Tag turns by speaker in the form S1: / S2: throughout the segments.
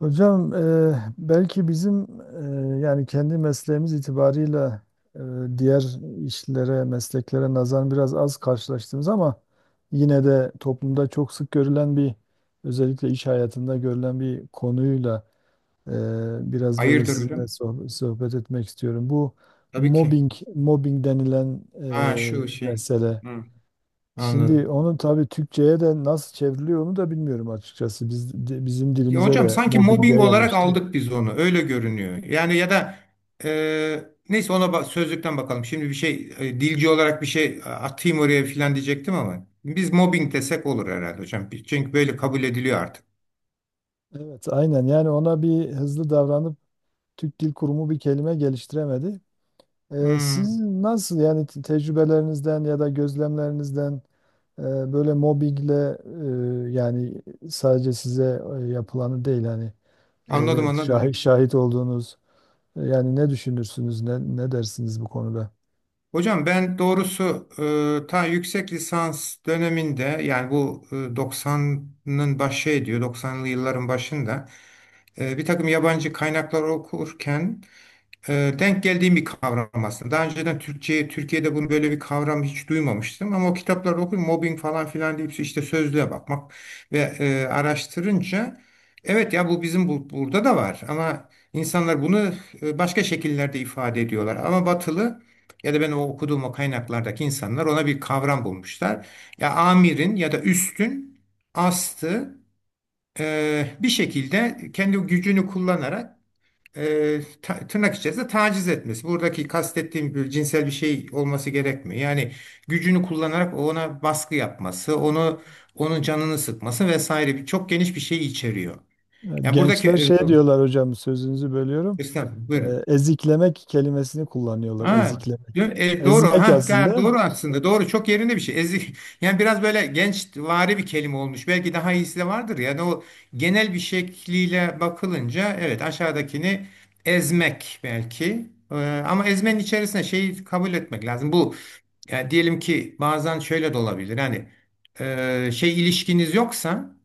S1: Hocam belki bizim yani kendi mesleğimiz itibarıyla e, diğer işlere, mesleklere nazaran biraz az karşılaştığımız ama yine de toplumda çok sık görülen bir, özellikle iş hayatında görülen bir konuyla e, biraz böyle
S2: Hayırdır
S1: sizinle
S2: hocam?
S1: sohbet etmek istiyorum. Bu
S2: Tabii ki.
S1: mobbing, mobbing denilen
S2: Ha şu şey.
S1: mesele.
S2: Hı,
S1: Şimdi
S2: anladım.
S1: onu tabii Türkçe'ye de nasıl çevriliyor onu da bilmiyorum açıkçası. Biz, bizim
S2: Ya
S1: dilimize
S2: hocam
S1: de
S2: sanki
S1: mobbing
S2: mobbing
S1: diye
S2: olarak
S1: yerleşti.
S2: aldık biz onu. Öyle görünüyor. Yani ya da neyse ona sözlükten bakalım. Şimdi bir şey dilci olarak bir şey atayım oraya filan diyecektim ama biz mobbing desek olur herhalde hocam. Çünkü böyle kabul ediliyor artık.
S1: Evet, aynen. Yani ona bir hızlı davranıp Türk Dil Kurumu bir kelime geliştiremedi.
S2: Hı,
S1: Siz nasıl yani tecrübelerinizden ya da gözlemlerinizden e, böyle mobbingle yani sadece size yapılanı değil, hani
S2: anladım anladım hocam.
S1: şahit olduğunuz yani ne düşünürsünüz, ne dersiniz bu konuda?
S2: Hocam ben doğrusu ta yüksek lisans döneminde, yani bu 90'ın başı ediyor, doksanlı yılların başında bir takım yabancı kaynaklar okurken denk geldiğim bir kavram aslında. Daha önceden Türkçe, Türkiye'de bunu, böyle bir kavram, hiç duymamıştım ama o kitapları okuyup mobbing falan filan deyip işte sözlüğe bakmak ve araştırınca evet ya bu bizim, bu burada da var ama insanlar bunu başka şekillerde ifade ediyorlar. Ama Batılı, ya da ben o okuduğum o kaynaklardaki insanlar, ona bir kavram bulmuşlar. Ya amirin ya da üstün astı bir şekilde kendi gücünü kullanarak tırnak içerisinde taciz etmesi. Buradaki kastettiğim bir cinsel bir şey olması gerekmiyor. Yani gücünü kullanarak ona baskı yapması, onu onun canını sıkması vesaire bir çok geniş bir şey içeriyor. Yani buradaki
S1: Gençler
S2: e,
S1: şey diyorlar, hocam sözünüzü bölüyorum.
S2: Estağfurullah, buyurun.
S1: Eziklemek kelimesini kullanıyorlar.
S2: Ha,
S1: Eziklemek.
S2: doğru.
S1: Ezmek
S2: Ha,
S1: aslında.
S2: doğru aslında. Doğru. Çok yerinde bir şey. Ezik. Yani biraz böyle gençvari bir kelime olmuş. Belki daha iyisi de vardır. Yani o genel bir şekliyle bakılınca evet aşağıdakini ezmek belki. Ama ezmenin içerisine şeyi kabul etmek lazım. Bu, yani diyelim ki bazen şöyle de olabilir. Yani şey ilişkiniz yoksa,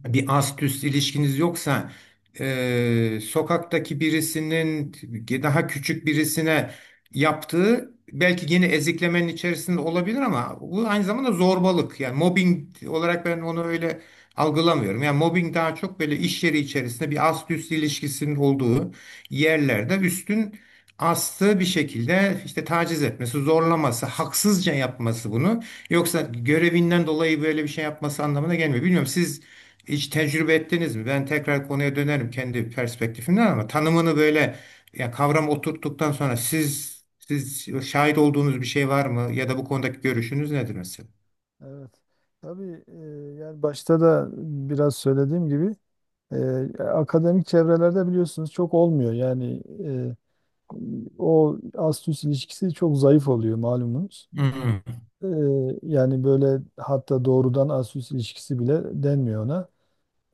S2: bir ast üst ilişkiniz yoksa, sokaktaki birisinin daha küçük birisine yaptığı, belki yine eziklemenin içerisinde olabilir ama bu aynı zamanda zorbalık. Yani mobbing olarak ben onu öyle algılamıyorum. Yani mobbing daha çok böyle iş yeri içerisinde bir ast üst ilişkisinin olduğu yerlerde üstün astı bir şekilde işte taciz etmesi, zorlaması, haksızca yapması bunu. Yoksa görevinden dolayı böyle bir şey yapması anlamına gelmiyor. Bilmiyorum, siz hiç tecrübe ettiniz mi? Ben tekrar konuya dönerim kendi perspektifimden ama tanımını böyle, ya kavram oturttuktan sonra, siz şahit olduğunuz bir şey var mı ya da bu konudaki görüşünüz nedir mesela?
S1: Evet. Tabii yani başta da biraz söylediğim gibi e, akademik çevrelerde biliyorsunuz çok olmuyor. Yani o ast-üst ilişkisi çok zayıf oluyor malumunuz.
S2: Hmm,
S1: E, yani böyle hatta doğrudan ast-üst ilişkisi bile denmiyor ona.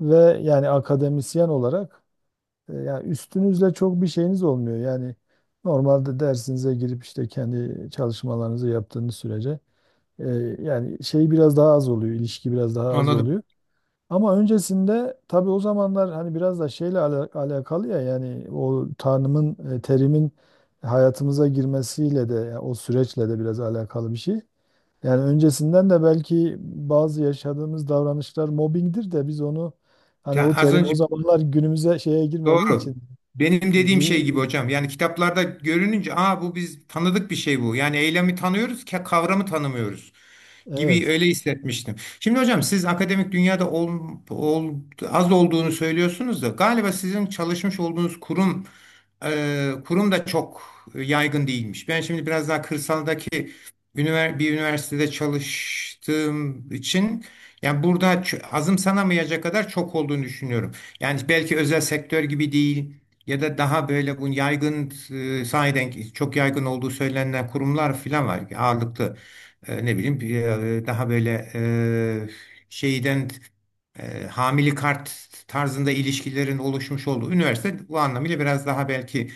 S1: Ve yani akademisyen olarak yani üstünüzle çok bir şeyiniz olmuyor. Yani normalde dersinize girip işte kendi çalışmalarınızı yaptığınız sürece e, yani şey biraz daha az oluyor, ilişki biraz daha az
S2: anladım.
S1: oluyor. Ama öncesinde tabii o zamanlar hani biraz da şeyle alakalı ya, yani o tanımın terimin hayatımıza girmesiyle de, yani o süreçle de biraz alakalı bir şey. Yani öncesinden de belki bazı yaşadığımız davranışlar mobbingdir de biz onu hani
S2: Ya
S1: o
S2: az
S1: terim o
S2: önce.
S1: zamanlar günümüze şeye girmediği için.
S2: Doğru. Benim dediğim şey gibi
S1: zi-
S2: hocam. Yani kitaplarda görününce, aa, bu biz tanıdık bir şey bu. Yani eylemi tanıyoruz, kavramı tanımıyoruz gibi,
S1: evet.
S2: öyle hissetmiştim. Şimdi hocam siz akademik dünyada ol- az olduğunu söylüyorsunuz da galiba sizin çalışmış olduğunuz kurum da çok yaygın değilmiş. Ben şimdi biraz daha kırsaldaki bir üniversitede çalıştığım için, yani burada azımsanamayacak kadar çok olduğunu düşünüyorum. Yani belki özel sektör gibi değil ya da daha böyle bu yaygın, sahiden ki çok yaygın olduğu söylenen kurumlar falan var. Ağırlıklı ne bileyim, daha böyle şeyden, hamili kart tarzında ilişkilerin oluşmuş olduğu üniversite bu anlamıyla biraz daha belki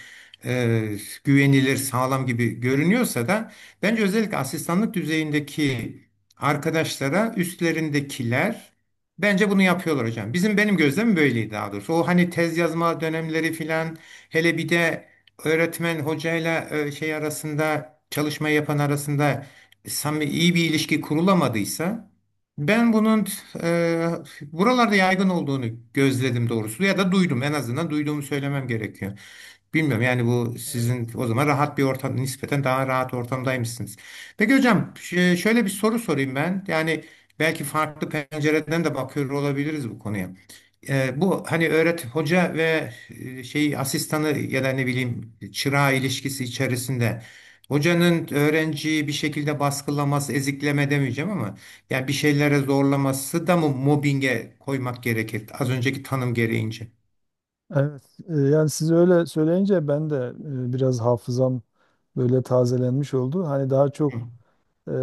S2: e, güvenilir, sağlam gibi görünüyorsa da bence özellikle asistanlık düzeyindeki arkadaşlara üstlerindekiler, bence bunu yapıyorlar hocam. Benim gözlemim böyleydi daha doğrusu. O hani tez yazma dönemleri filan, hele bir de öğretmen hocayla şey arasında, çalışma yapan arasında, samimi iyi bir ilişki kurulamadıysa, ben bunun e, buralarda yaygın olduğunu gözledim doğrusu, ya da duydum, en azından duyduğumu söylemem gerekiyor. Bilmiyorum, yani bu
S1: Evet,
S2: sizin o zaman rahat bir ortam, nispeten daha rahat ortamdaymışsınız. Peki
S1: evet.
S2: hocam, şöyle bir soru sorayım ben. Yani belki farklı pencereden de bakıyor olabiliriz bu konuya. Bu hani hoca ve şey asistanı ya da ne bileyim çırağı ilişkisi içerisinde, hocanın öğrenciyi bir şekilde baskılaması, ezikleme demeyeceğim ama yani bir şeylere zorlaması da mı mobbinge koymak gerekir az önceki tanım gereğince?
S1: Evet, yani siz öyle söyleyince ben de biraz hafızam böyle tazelenmiş oldu. Hani daha
S2: Hı
S1: çok.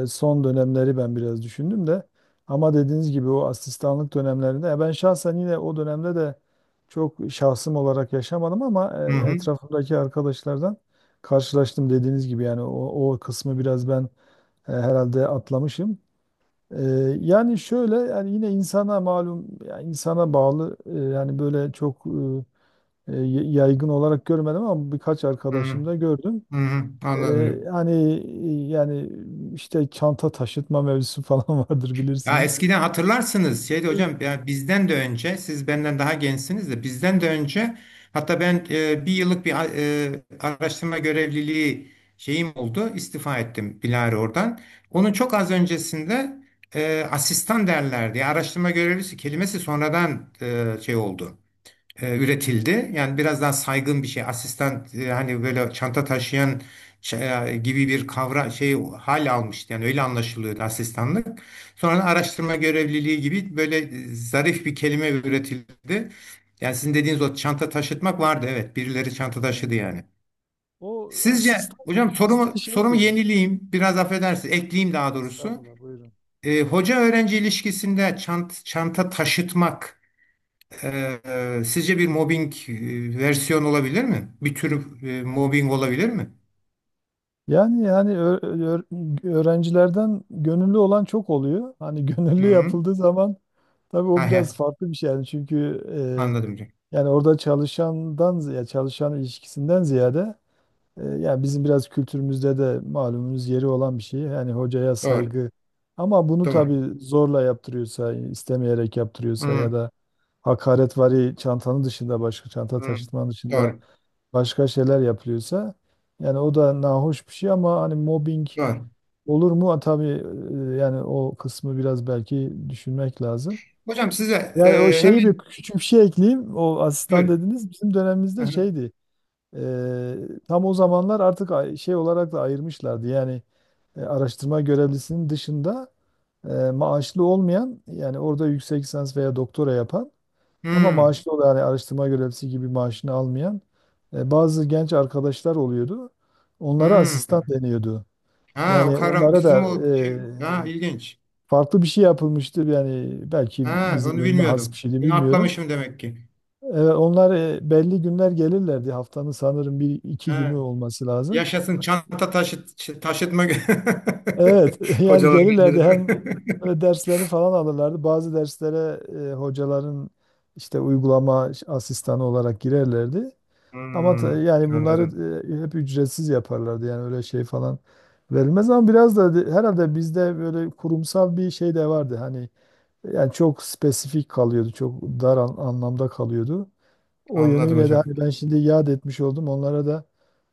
S1: Son dönemleri ben biraz düşündüm de. Ama dediğiniz gibi o asistanlık dönemlerinde ben şahsen yine o dönemde de çok şahsım olarak yaşamadım ama
S2: hı.
S1: etrafımdaki arkadaşlardan karşılaştım dediğiniz gibi, yani o kısmı biraz ben herhalde atlamışım. E, yani şöyle, yani yine insana malum, yani insana bağlı yani böyle çok e, yaygın olarak görmedim ama birkaç
S2: Hı.
S1: arkadaşım da gördüm.
S2: Hı hı, anladım
S1: Ee,
S2: hocam.
S1: hani yani işte çanta taşıtma mevzusu falan vardır
S2: Ya
S1: bilirsiniz.
S2: eskiden hatırlarsınız, şeydi
S1: Hı.
S2: hocam, ya bizden de önce, siz benden daha gençsiniz de, bizden de önce, hatta ben bir yıllık bir araştırma görevliliği şeyim oldu, istifa ettim Bilari oradan. Onun çok az öncesinde asistan derlerdi. Ya araştırma görevlisi kelimesi sonradan şey oldu. Üretildi. Yani biraz daha saygın bir şey. Asistan, hani böyle çanta taşıyan gibi bir şey hal almıştı. Yani öyle anlaşılıyordu asistanlık. Sonra araştırma görevliliği gibi böyle zarif bir kelime üretildi. Yani sizin dediğiniz o çanta taşıtmak vardı. Evet, birileri çanta taşıdı
S1: Evet.
S2: yani.
S1: O
S2: Sizce
S1: asistan
S2: hocam,
S1: bizde
S2: sorumu
S1: şeydi.
S2: yenileyim. Biraz affedersiniz. Ekleyeyim daha doğrusu.
S1: Estağfurullah, buyurun.
S2: Hoca öğrenci ilişkisinde çanta taşıtmak sizce bir mobbing versiyon olabilir mi? Bir tür mobbing olabilir mi?
S1: Yani yani öğrencilerden gönüllü olan çok oluyor. Hani
S2: Hı
S1: gönüllü
S2: -hı.
S1: yapıldığı zaman tabii o
S2: Ha, he,
S1: biraz farklı bir şey yani, çünkü
S2: anladım hocam.
S1: yani orada çalışandan ya çalışan ilişkisinden ziyade, yani bizim biraz kültürümüzde de malumunuz yeri olan bir şey. Yani hocaya
S2: Doğru,
S1: saygı. Ama bunu
S2: doğru.
S1: tabii zorla yaptırıyorsa, istemeyerek
S2: Hı
S1: yaptırıyorsa ya
S2: -hı.
S1: da hakaretvari çantanın dışında, başka çanta taşıtmanın dışında
S2: Doğru,
S1: başka şeyler yapılıyorsa, yani o da nahoş bir şey ama hani mobbing
S2: doğru.
S1: olur mu? Ha, tabii yani o kısmı biraz belki düşünmek lazım.
S2: Hocam size,
S1: Yani o şeyi bir
S2: hemen,
S1: küçük bir şey ekleyeyim. O asistan
S2: buyurun.
S1: dediniz bizim
S2: Hı
S1: dönemimizde
S2: -hı.
S1: şeydi. Eee, tam o zamanlar artık şey olarak da ayırmışlardı. Yani araştırma görevlisinin dışında maaşlı olmayan, yani orada yüksek lisans veya doktora yapan ama
S2: Hı
S1: maaşlı olan, yani araştırma görevlisi gibi maaşını almayan bazı genç arkadaşlar oluyordu. Onlara
S2: hı.
S1: asistan deniyordu.
S2: Ha, o
S1: Yani
S2: kavram
S1: onlara
S2: bizim
S1: da
S2: o şey, ha,
S1: e,
S2: ilginç.
S1: farklı bir şey yapılmıştı. Yani belki
S2: Ha,
S1: bizim
S2: onu
S1: bölüme has bir
S2: bilmiyordum.
S1: şeydi
S2: Bunu
S1: bilmiyorum.
S2: atlamışım demek ki.
S1: Evet, onlar belli günler gelirlerdi. Haftanın sanırım bir iki günü
S2: Ha,
S1: olması lazım.
S2: yaşasın çanta taşıtma
S1: Evet, yani
S2: hocalar
S1: gelirlerdi,
S2: gencesi.
S1: hem böyle derslerini falan alırlardı. Bazı derslere hocaların işte uygulama asistanı olarak girerlerdi. Ama
S2: Hmm,
S1: yani bunları
S2: anladım.
S1: hep ücretsiz yaparlardı. Yani öyle şey falan verilmez ama biraz da herhalde bizde böyle kurumsal bir şey de vardı. Hani yani çok spesifik kalıyordu, çok dar anlamda kalıyordu. O
S2: Anladım
S1: yönüyle de
S2: hocam.
S1: hani ben şimdi yad etmiş oldum. Onlara da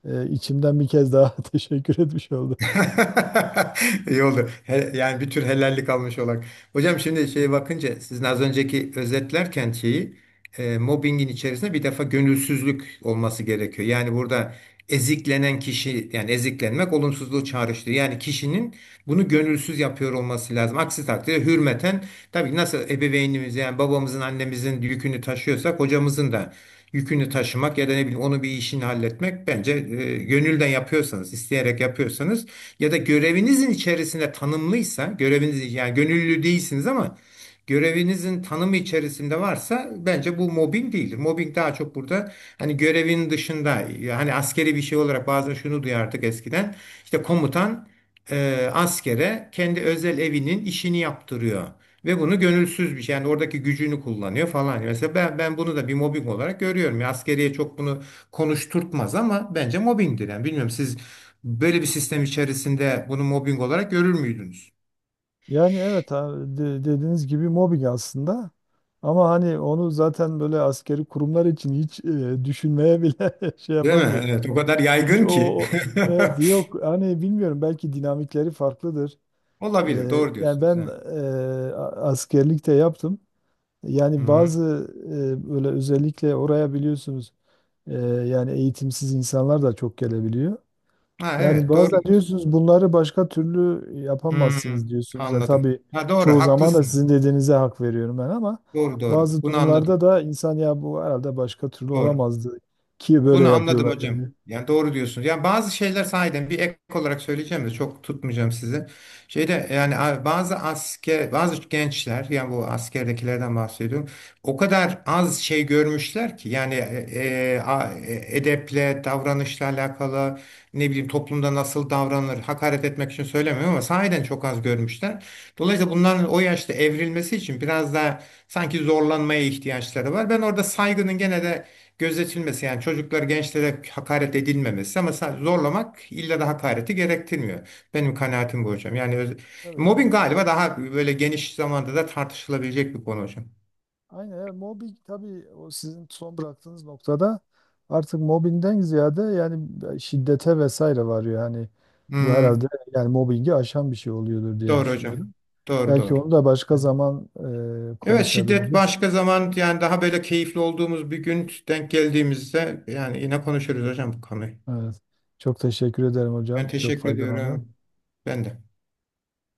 S1: içimden bir kez daha teşekkür etmiş oldum.
S2: İyi oldu. Yani bir tür helallik almış olarak. Hocam şimdi şeye bakınca, sizin az önceki özetlerken şeyi, mobbingin içerisinde bir defa gönülsüzlük olması gerekiyor. Yani burada eziklenen kişi, yani eziklenmek olumsuzluğu çağrıştırıyor. Yani kişinin bunu gönülsüz yapıyor olması lazım. Aksi takdirde hürmeten, tabii ki nasıl ebeveynimiz, yani babamızın, annemizin yükünü taşıyorsak, hocamızın da yükünü taşımak ya da ne bileyim onu, bir işini halletmek, bence gönülden yapıyorsanız, isteyerek yapıyorsanız ya da görevinizin içerisinde tanımlıysa, göreviniz yani, gönüllü değilsiniz ama görevinizin tanımı içerisinde varsa, bence bu mobbing değildir. Mobbing daha çok burada hani görevin dışında, hani askeri bir şey olarak bazen şunu duyardık eskiden, işte komutan askere kendi özel evinin işini yaptırıyor. Ve bunu gönülsüz bir şey, yani oradaki gücünü kullanıyor falan. Mesela ben bunu da bir mobbing olarak görüyorum. Ya askeriye çok bunu konuşturtmaz ama bence mobbingdir. Yani bilmiyorum, siz böyle bir sistem içerisinde bunu mobbing olarak görür müydünüz?
S1: Yani evet, ha, dediğiniz gibi mobbing aslında. Ama hani onu zaten böyle askeri kurumlar için hiç düşünmeye bile şey
S2: Değil mi?
S1: yapamıyoruz.
S2: Evet, o kadar
S1: Hiç
S2: yaygın ki.
S1: evet, yok hani bilmiyorum belki dinamikleri farklıdır.
S2: Olabilir. Doğru
S1: Yani
S2: diyorsunuz.
S1: ben
S2: Evet.
S1: askerlikte yaptım. Yani
S2: Hı.
S1: bazı böyle özellikle oraya biliyorsunuz e, yani eğitimsiz insanlar da çok gelebiliyor.
S2: Ha,
S1: Yani
S2: evet doğru
S1: bazen
S2: diyorsunuz.
S1: diyorsunuz bunları başka türlü
S2: Hı,
S1: yapamazsınız diyorsunuz. Ya
S2: anladım.
S1: tabii
S2: Ha, doğru,
S1: çoğu zaman da
S2: haklısınız.
S1: sizin dediğinize hak veriyorum ben ama
S2: Doğru doğru.
S1: bazı
S2: Bunu anladım.
S1: durumlarda da insan ya bu herhalde başka türlü
S2: Doğru.
S1: olamazdı ki böyle
S2: Bunu anladım
S1: yapıyorlar
S2: hocam.
S1: yani.
S2: Yani doğru diyorsunuz. Yani bazı şeyler sahiden, bir ek olarak söyleyeceğim de çok tutmayacağım sizi. Şeyde yani, bazı gençler, yani bu askerdekilerden bahsediyorum. O kadar az şey görmüşler ki, yani edeple, davranışla alakalı, ne bileyim, toplumda nasıl davranılır, hakaret etmek için söylemiyorum ama sahiden çok az görmüşler. Dolayısıyla bunların o yaşta evrilmesi için biraz daha sanki zorlanmaya ihtiyaçları var. Ben orada saygının gene de gözetilmesi, yani çocuklar, gençlere hakaret edilmemesi ama zorlamak illa da hakareti gerektirmiyor. Benim kanaatim bu hocam. Yani
S1: Tabii,
S2: mobbing
S1: evet.
S2: galiba daha böyle geniş zamanda da tartışılabilecek bir konu hocam.
S1: Aynen, evet. Mobbing tabii o sizin son bıraktığınız noktada artık mobbingden ziyade yani şiddete vesaire varıyor. Yani bu herhalde
S2: Hmm,
S1: yani mobbingi aşan bir şey oluyordur diye
S2: doğru hocam.
S1: düşünüyorum.
S2: Doğru
S1: Belki
S2: doğru.
S1: onu da başka zaman
S2: Evet, şiddet
S1: konuşabiliriz.
S2: başka zaman, yani daha böyle keyifli olduğumuz bir gün denk geldiğimizde yani yine konuşuruz hocam bu konuyu.
S1: Evet. Çok teşekkür ederim
S2: Ben
S1: hocam. Çok
S2: teşekkür
S1: faydalandım.
S2: ediyorum. Ben de.